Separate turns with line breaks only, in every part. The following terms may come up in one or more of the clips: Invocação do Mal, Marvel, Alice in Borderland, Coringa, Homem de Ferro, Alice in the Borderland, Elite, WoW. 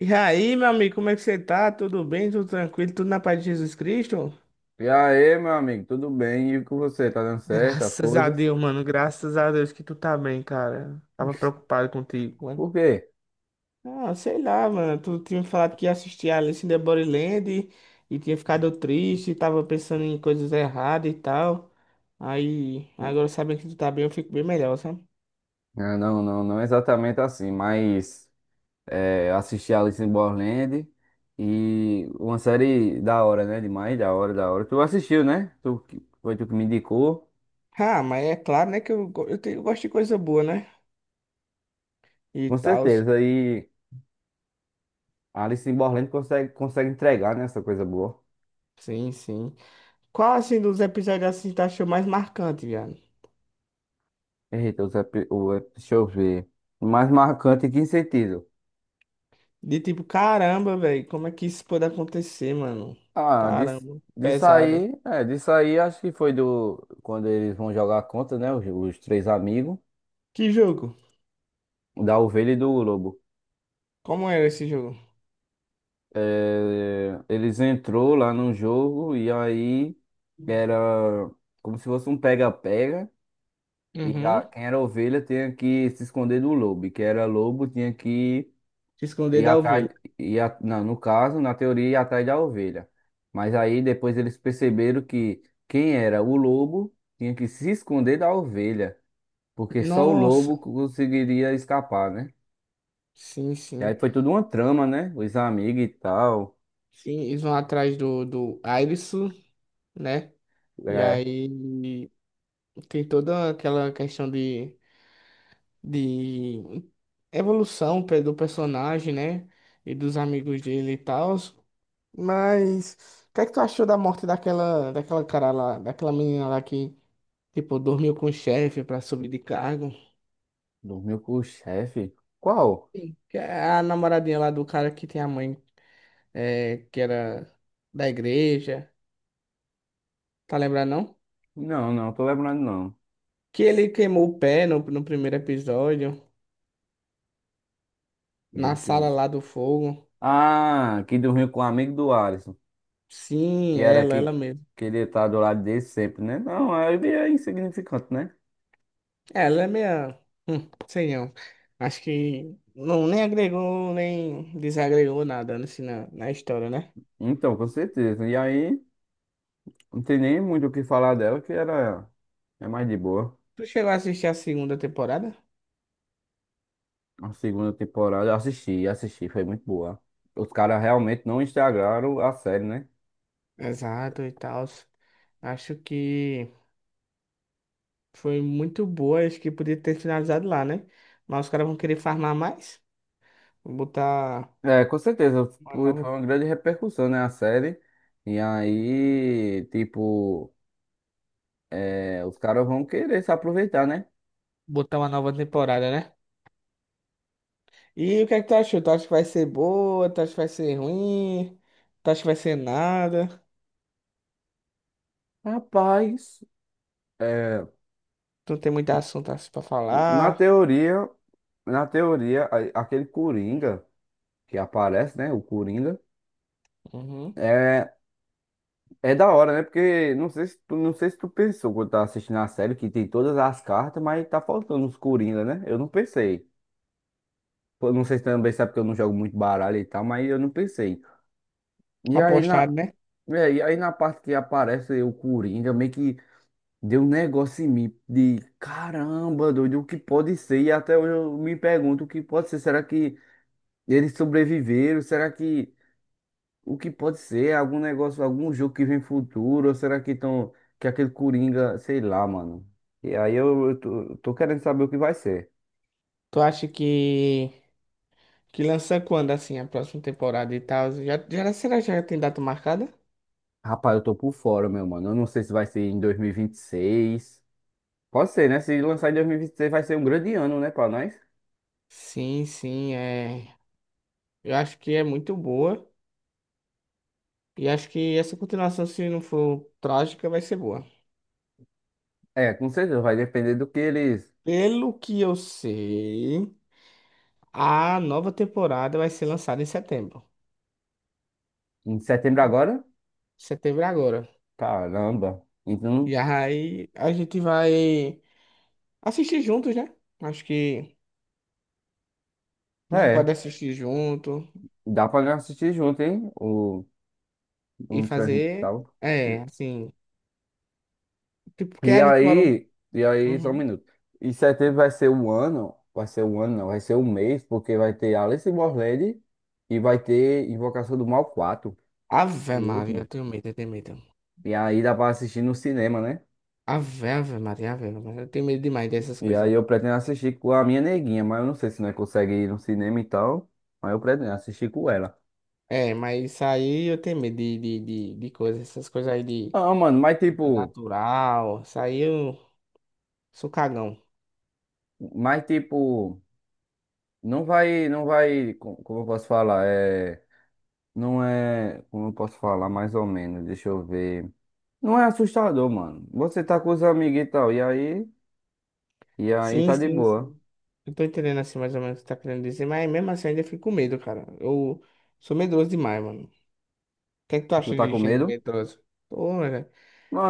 E aí, meu amigo, como é que você tá? Tudo bem? Tudo tranquilo? Tudo na paz de Jesus Cristo?
E aí, meu amigo, tudo bem? E com você? Tá dando certo as
Graças a
coisas?
Deus, mano. Graças a Deus que tu tá bem, cara. Tava preocupado contigo, mano.
Por quê?
Ah, sei lá, mano. Tu tinha me falado que ia assistir Alice in the Borderland e tinha ficado triste, tava pensando em coisas erradas e tal. Aí, agora sabendo que tu tá bem, eu fico bem melhor, sabe?
Ah, não exatamente assim, mas assisti Alice in Borderland e uma série da hora, né? Demais, da hora, da hora. Tu assistiu, né? Foi tu que me indicou,
Ah, mas é claro, né, que eu, go- eu, tenho- eu gosto de coisa boa, né? E
com
tal.
certeza. E Alice in Borderland consegue entregar, né? Essa coisa boa.
Sim, sim. Qual, assim, dos episódios, assim, tu achou mais marcante, viado?
Eita, os epi- o, epi- deixa eu ver. Mais marcante em que sentido?
De tipo, caramba, velho, como é que isso pode acontecer, mano?
Ah, disso,
Caramba, pesado.
disso aí acho que foi do quando eles vão jogar contra, né? Os três amigos,
Que jogo?
da ovelha e do lobo.
Como era esse jogo?
É, eles entrou lá no jogo e aí era como se fosse um pega-pega. E
Uhum.
quem era ovelha tinha que se esconder do lobo. E quem era lobo tinha que.
Se esconder
E
da
atrás,
ovelha.
e não, no caso, na teoria, ia atrás da ovelha. Mas aí depois eles perceberam que quem era o lobo tinha que se esconder da ovelha, porque só o
Nossa,
lobo conseguiria escapar, né?
sim,
E aí
sim.
foi tudo uma trama, né? Os amigos e tal.
Sim, eles vão atrás do Airisu, né? E
É,
aí tem toda aquela questão de evolução do personagem, né? E dos amigos dele e tal. Mas, o que é que tu achou da morte daquela cara lá, daquela menina lá que tipo, dormiu com o chefe pra subir de cargo.
dormiu com o chefe. Qual?
Sim. Que é a namoradinha lá do cara que tem a mãe, é, que era da igreja. Tá lembrando, não?
Não, não tô lembrando não.
Que ele queimou o pé no primeiro episódio, na
Ele
sala
que...
lá do fogo.
Ah, que dormiu com o amigo do Alisson, que
Sim,
era
ela
que,
mesmo.
que ele tá do lado dele sempre, né? Não, aí é insignificante, né?
Ela é meia. Sei não. Acho que não, nem agregou, nem desagregou nada na história, né?
Então, com certeza. E aí, não tem nem muito o que falar dela, que era é mais de boa.
Tu chegou a assistir a segunda temporada?
A segunda temporada, eu assisti, foi muito boa. Os caras realmente não estragaram a série, né?
Exato e tal. Acho que. Foi muito boa, acho que podia ter finalizado lá, né? Mas os caras vão querer farmar mais. Vou
É, com certeza,
uma
foi
nova,
uma grande repercussão, né, a série. E aí, tipo, é, os caras vão querer se aproveitar, né?
botar uma nova temporada, né? E o que é que tu achou? Tu acha que vai ser boa? Tu acha que vai ser ruim? Tu acha que vai ser nada?
Rapaz, é,
Tu não tem muito assunto assim pra
na
falar?
teoria, aquele Coringa que aparece, né, o Coringa,
Uhum.
é. É da hora, né? Porque não sei se tu, não sei se tu pensou quando tá assistindo a série que tem todas as cartas, mas tá faltando os Coringa, né? Eu não pensei. Eu não sei se também sabe que eu não jogo muito baralho e tal, mas eu não pensei. E aí na,
Apostado, né?
e aí na parte que aparece o Coringa, meio que deu um negócio em mim de caramba, doido, o que pode ser? E até hoje eu me pergunto o que pode ser. Será que eles sobreviveram? Será que o que pode ser? Algum negócio, algum jogo que vem futuro? Ou será que estão. Que aquele Coringa, sei lá, mano. E aí eu tô querendo saber o que vai ser.
Tu acha que lança quando, assim, a próxima temporada e tal? Será que já tem data marcada?
Rapaz, eu tô por fora, meu mano. Eu não sei se vai ser em 2026. Pode ser, né? Se lançar em 2026 vai ser um grande ano, né, pra nós?
Sim, sim, é. Eu acho que é muito boa. E acho que essa continuação, se não for trágica, vai ser boa.
É, com certeza. Vai depender do que eles.
Pelo que eu sei, a nova temporada vai ser lançada em setembro.
Em setembro agora?
Setembro é agora.
Caramba. Então,
E aí a gente vai assistir juntos, né? Acho que a gente pode
é.
assistir junto
Dá pra nós assistir junto, hein? O,
e
um
fazer.
transmissão.
É, assim. Tipo, porque a gente mora. Um-
Só um
uhum.
minuto. E setembro vai ser o ano, vai ser o ano, não, vai ser o mês, porque vai ter Alice in Borderland e vai ter Invocação do Mal 4 o
Ave Maria, eu
último.
tenho medo, eu tenho medo.
E aí dá pra assistir no cinema, né?
Ave, Ave Maria, Ave Maria. Eu tenho medo demais dessas
E
coisas.
aí eu pretendo assistir com a minha neguinha, mas eu não sei se nós consegue ir no cinema e tal. Mas eu pretendo assistir com ela.
É, mas isso aí eu tenho medo de coisas, essas coisas aí de.
Ah, mano,
Super natural. Saiu. Sou cagão.
mas tipo, não vai, não vai, co- como eu posso falar? É, não é, como eu posso falar mais ou menos, deixa eu ver. Não é assustador, mano. Você tá com os amigos e tal, e aí
Sim,
tá de
sim,
boa.
sim. Eu tô entendendo assim mais ou menos o que tá querendo dizer, mas mesmo assim eu ainda fico com medo, cara. Eu sou medroso demais, mano. O que é que tu
Tu
acha
tá
de
com
gente
medo?
medrosa? Pô, velho.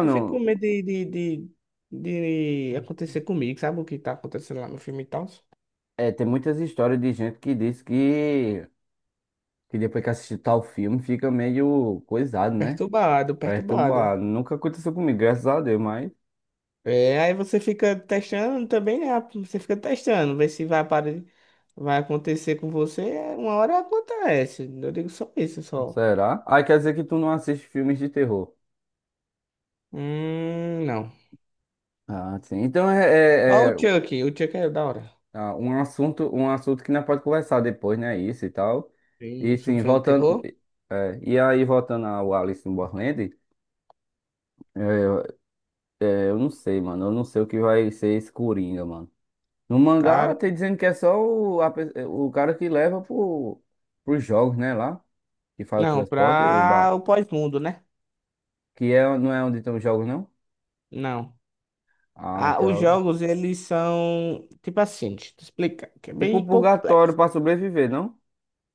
Eu fico com medo de acontecer comigo, sabe o que tá acontecendo lá no filme e tal?
é, tem muitas histórias de gente que diz que depois que assiste tal filme fica meio coisado, né?
Perturbado, perturbado.
Perturbado. Nunca aconteceu comigo, graças a Deus, mas
É, aí você fica testando também, né? Você fica testando, ver se vai, vai acontecer com você. Uma hora acontece. Eu digo só isso, só.
será? Ah, quer dizer que tu não assiste filmes de terror.
Não.
Ah, sim.
Ó o Chuck. O Chuck é da hora.
Ah, um assunto que não pode conversar depois, né? Isso e tal. E
Tem
sim,
sobre filme de
voltando.
terror?
É, e aí, voltando ao Alice in Borderland. É, eu não sei, mano. Eu não sei o que vai ser esse Coringa, mano. No mangá,
Cara,
tem dizendo que é só o cara que leva pro, pros jogos, né? Lá, que faz o
não,
transporte, o
pra
bar.
o pós-mundo, né?
Que é, não é onde tem os jogos, não?
Não.
Ah,
Ah, os
então.
jogos, eles são tipo assim, deixa eu te explicar, que é
Tipo
bem
o purgatório
complexo.
pra sobreviver, não?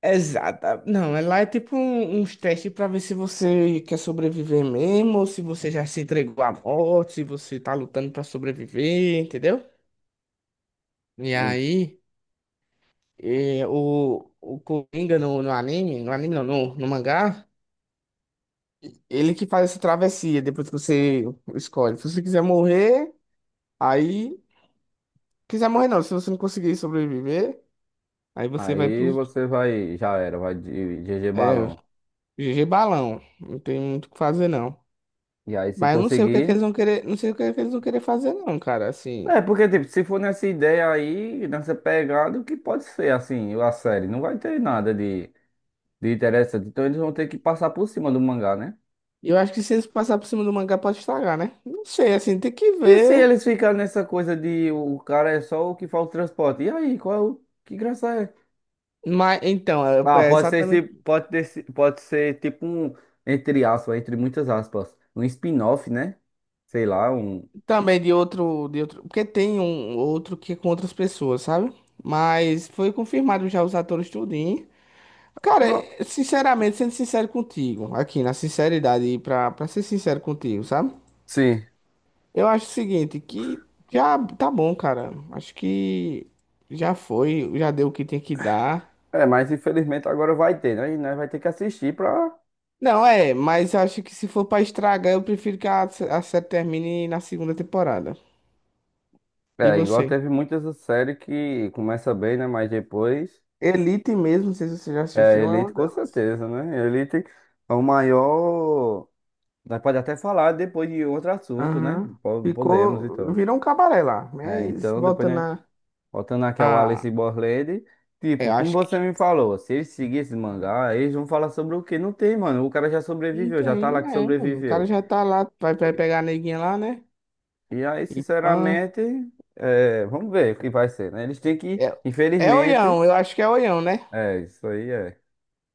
Exata. Não, é lá é tipo uns testes pra ver se você quer sobreviver mesmo, ou se você já se entregou à morte, se você tá lutando pra sobreviver, entendeu? E
E
aí, o Coringa no, no anime, no anime não, no, no mangá. Ele que faz essa travessia depois que você escolhe. Se você quiser morrer, aí. Quiser morrer não, se você não conseguir sobreviver, aí você vai
aí
pro.
você vai. Já era, vai de GG
É,
balão.
GG balão. Não tem muito o que fazer, não.
E aí, se
Mas eu não sei o que é que
conseguir.
eles vão querer. Não sei o que é que eles vão querer fazer, não, cara. Assim.
É, porque, tipo, se for nessa ideia aí, nessa pegada, o que pode ser, assim, a série? Não vai ter nada de interessante. Então eles vão ter que passar por cima do mangá, né?
Eu acho que se eles passar por cima do mangá, pode estragar, né? Não sei, assim, tem que
E se
ver.
eles ficarem nessa coisa de o cara é só o que faz o transporte? E aí, qual é o... que graça é?
Mas então, é
Ah,
é
pode ser,
exatamente.
pode ser tipo um, entre aspas, entre muitas aspas, um spin-off, né? Sei lá, um.
Também de outro, de outro. Porque tem um outro que é com outras pessoas, sabe? Mas foi confirmado já os atores tudinho. Cara,
Não,
é- sinceramente, sendo sincero contigo, aqui na sinceridade, e pra ser sincero contigo, sabe?
sim.
Eu acho o seguinte, que já tá bom, cara. Acho que já foi, já deu o que tem que dar.
É, mas infelizmente agora vai ter, né? E nós vai ter que assistir pra.
Não, é, mas acho que se for pra estragar, eu prefiro que a série termine na segunda temporada. E
É, igual
você?
teve muitas séries que começa bem, né? Mas depois.
Elite mesmo, não sei se você já
É,
assistiu, é
Elite
uma
com
delas.
certeza, né? Elite é o maior. Nós pode até falar depois de outro assunto, né?
Aham.
Podemos,
Ficou,
então.
virou um cabaré lá,
É,
mas
então, depois,
volta
né?
na.
Voltando aqui ao
Ah,
Alice Borland, tipo,
eu
como
acho.
você me falou, se eles seguirem esse mangá, eles vão falar sobre o quê? Não tem, mano. O cara já
Não
sobreviveu, já tá
tem,
lá que
é, mano. O cara
sobreviveu.
já tá lá, vai, vai pegar a neguinha lá, né?
E aí,
E pã.
sinceramente, é, vamos ver o que vai ser, né? Eles têm que,
É, é
infelizmente,
oião, eu acho que é oião, né?
é, isso aí é.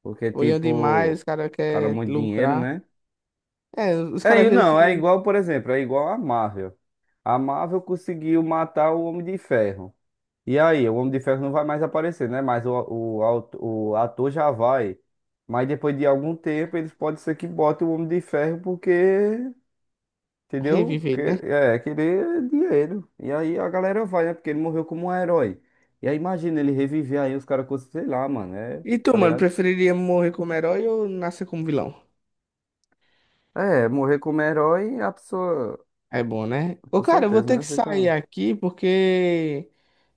Porque,
Oião demais, os
tipo,
caras
cara, é
querem
muito dinheiro,
lucrar.
né?
É, os
É,
caras
e
viram
não, é
que
igual, por exemplo, é igual a Marvel. A Marvel conseguiu matar o Homem de Ferro. E aí, o Homem de Ferro não vai mais aparecer, né? Mas o ator já vai. Mas depois de algum tempo, eles podem ser que botem o Homem de Ferro, porque, entendeu?
reviver,
Que,
né?
é, querer dinheiro. E aí a galera vai, né? Porque ele morreu como um herói. E aí imagina ele reviver aí, os caras, com- sei lá, mano, é,
E tu,
tá
mano,
ligado?
preferiria morrer como herói ou nascer como vilão?
É, morrer como herói, a pessoa,
É bom, né? Ô,
com
cara, eu vou
certeza,
ter
né?
que sair
Fica
aqui porque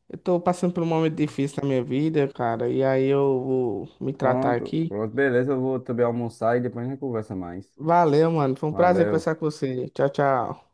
eu tô passando por um momento difícil na minha vida, cara. E aí eu vou me tratar
pronto,
aqui.
pronto, beleza. Eu vou também almoçar e depois a gente conversa mais.
Valeu, mano. Foi um prazer
Valeu.
conversar com você. Tchau, tchau.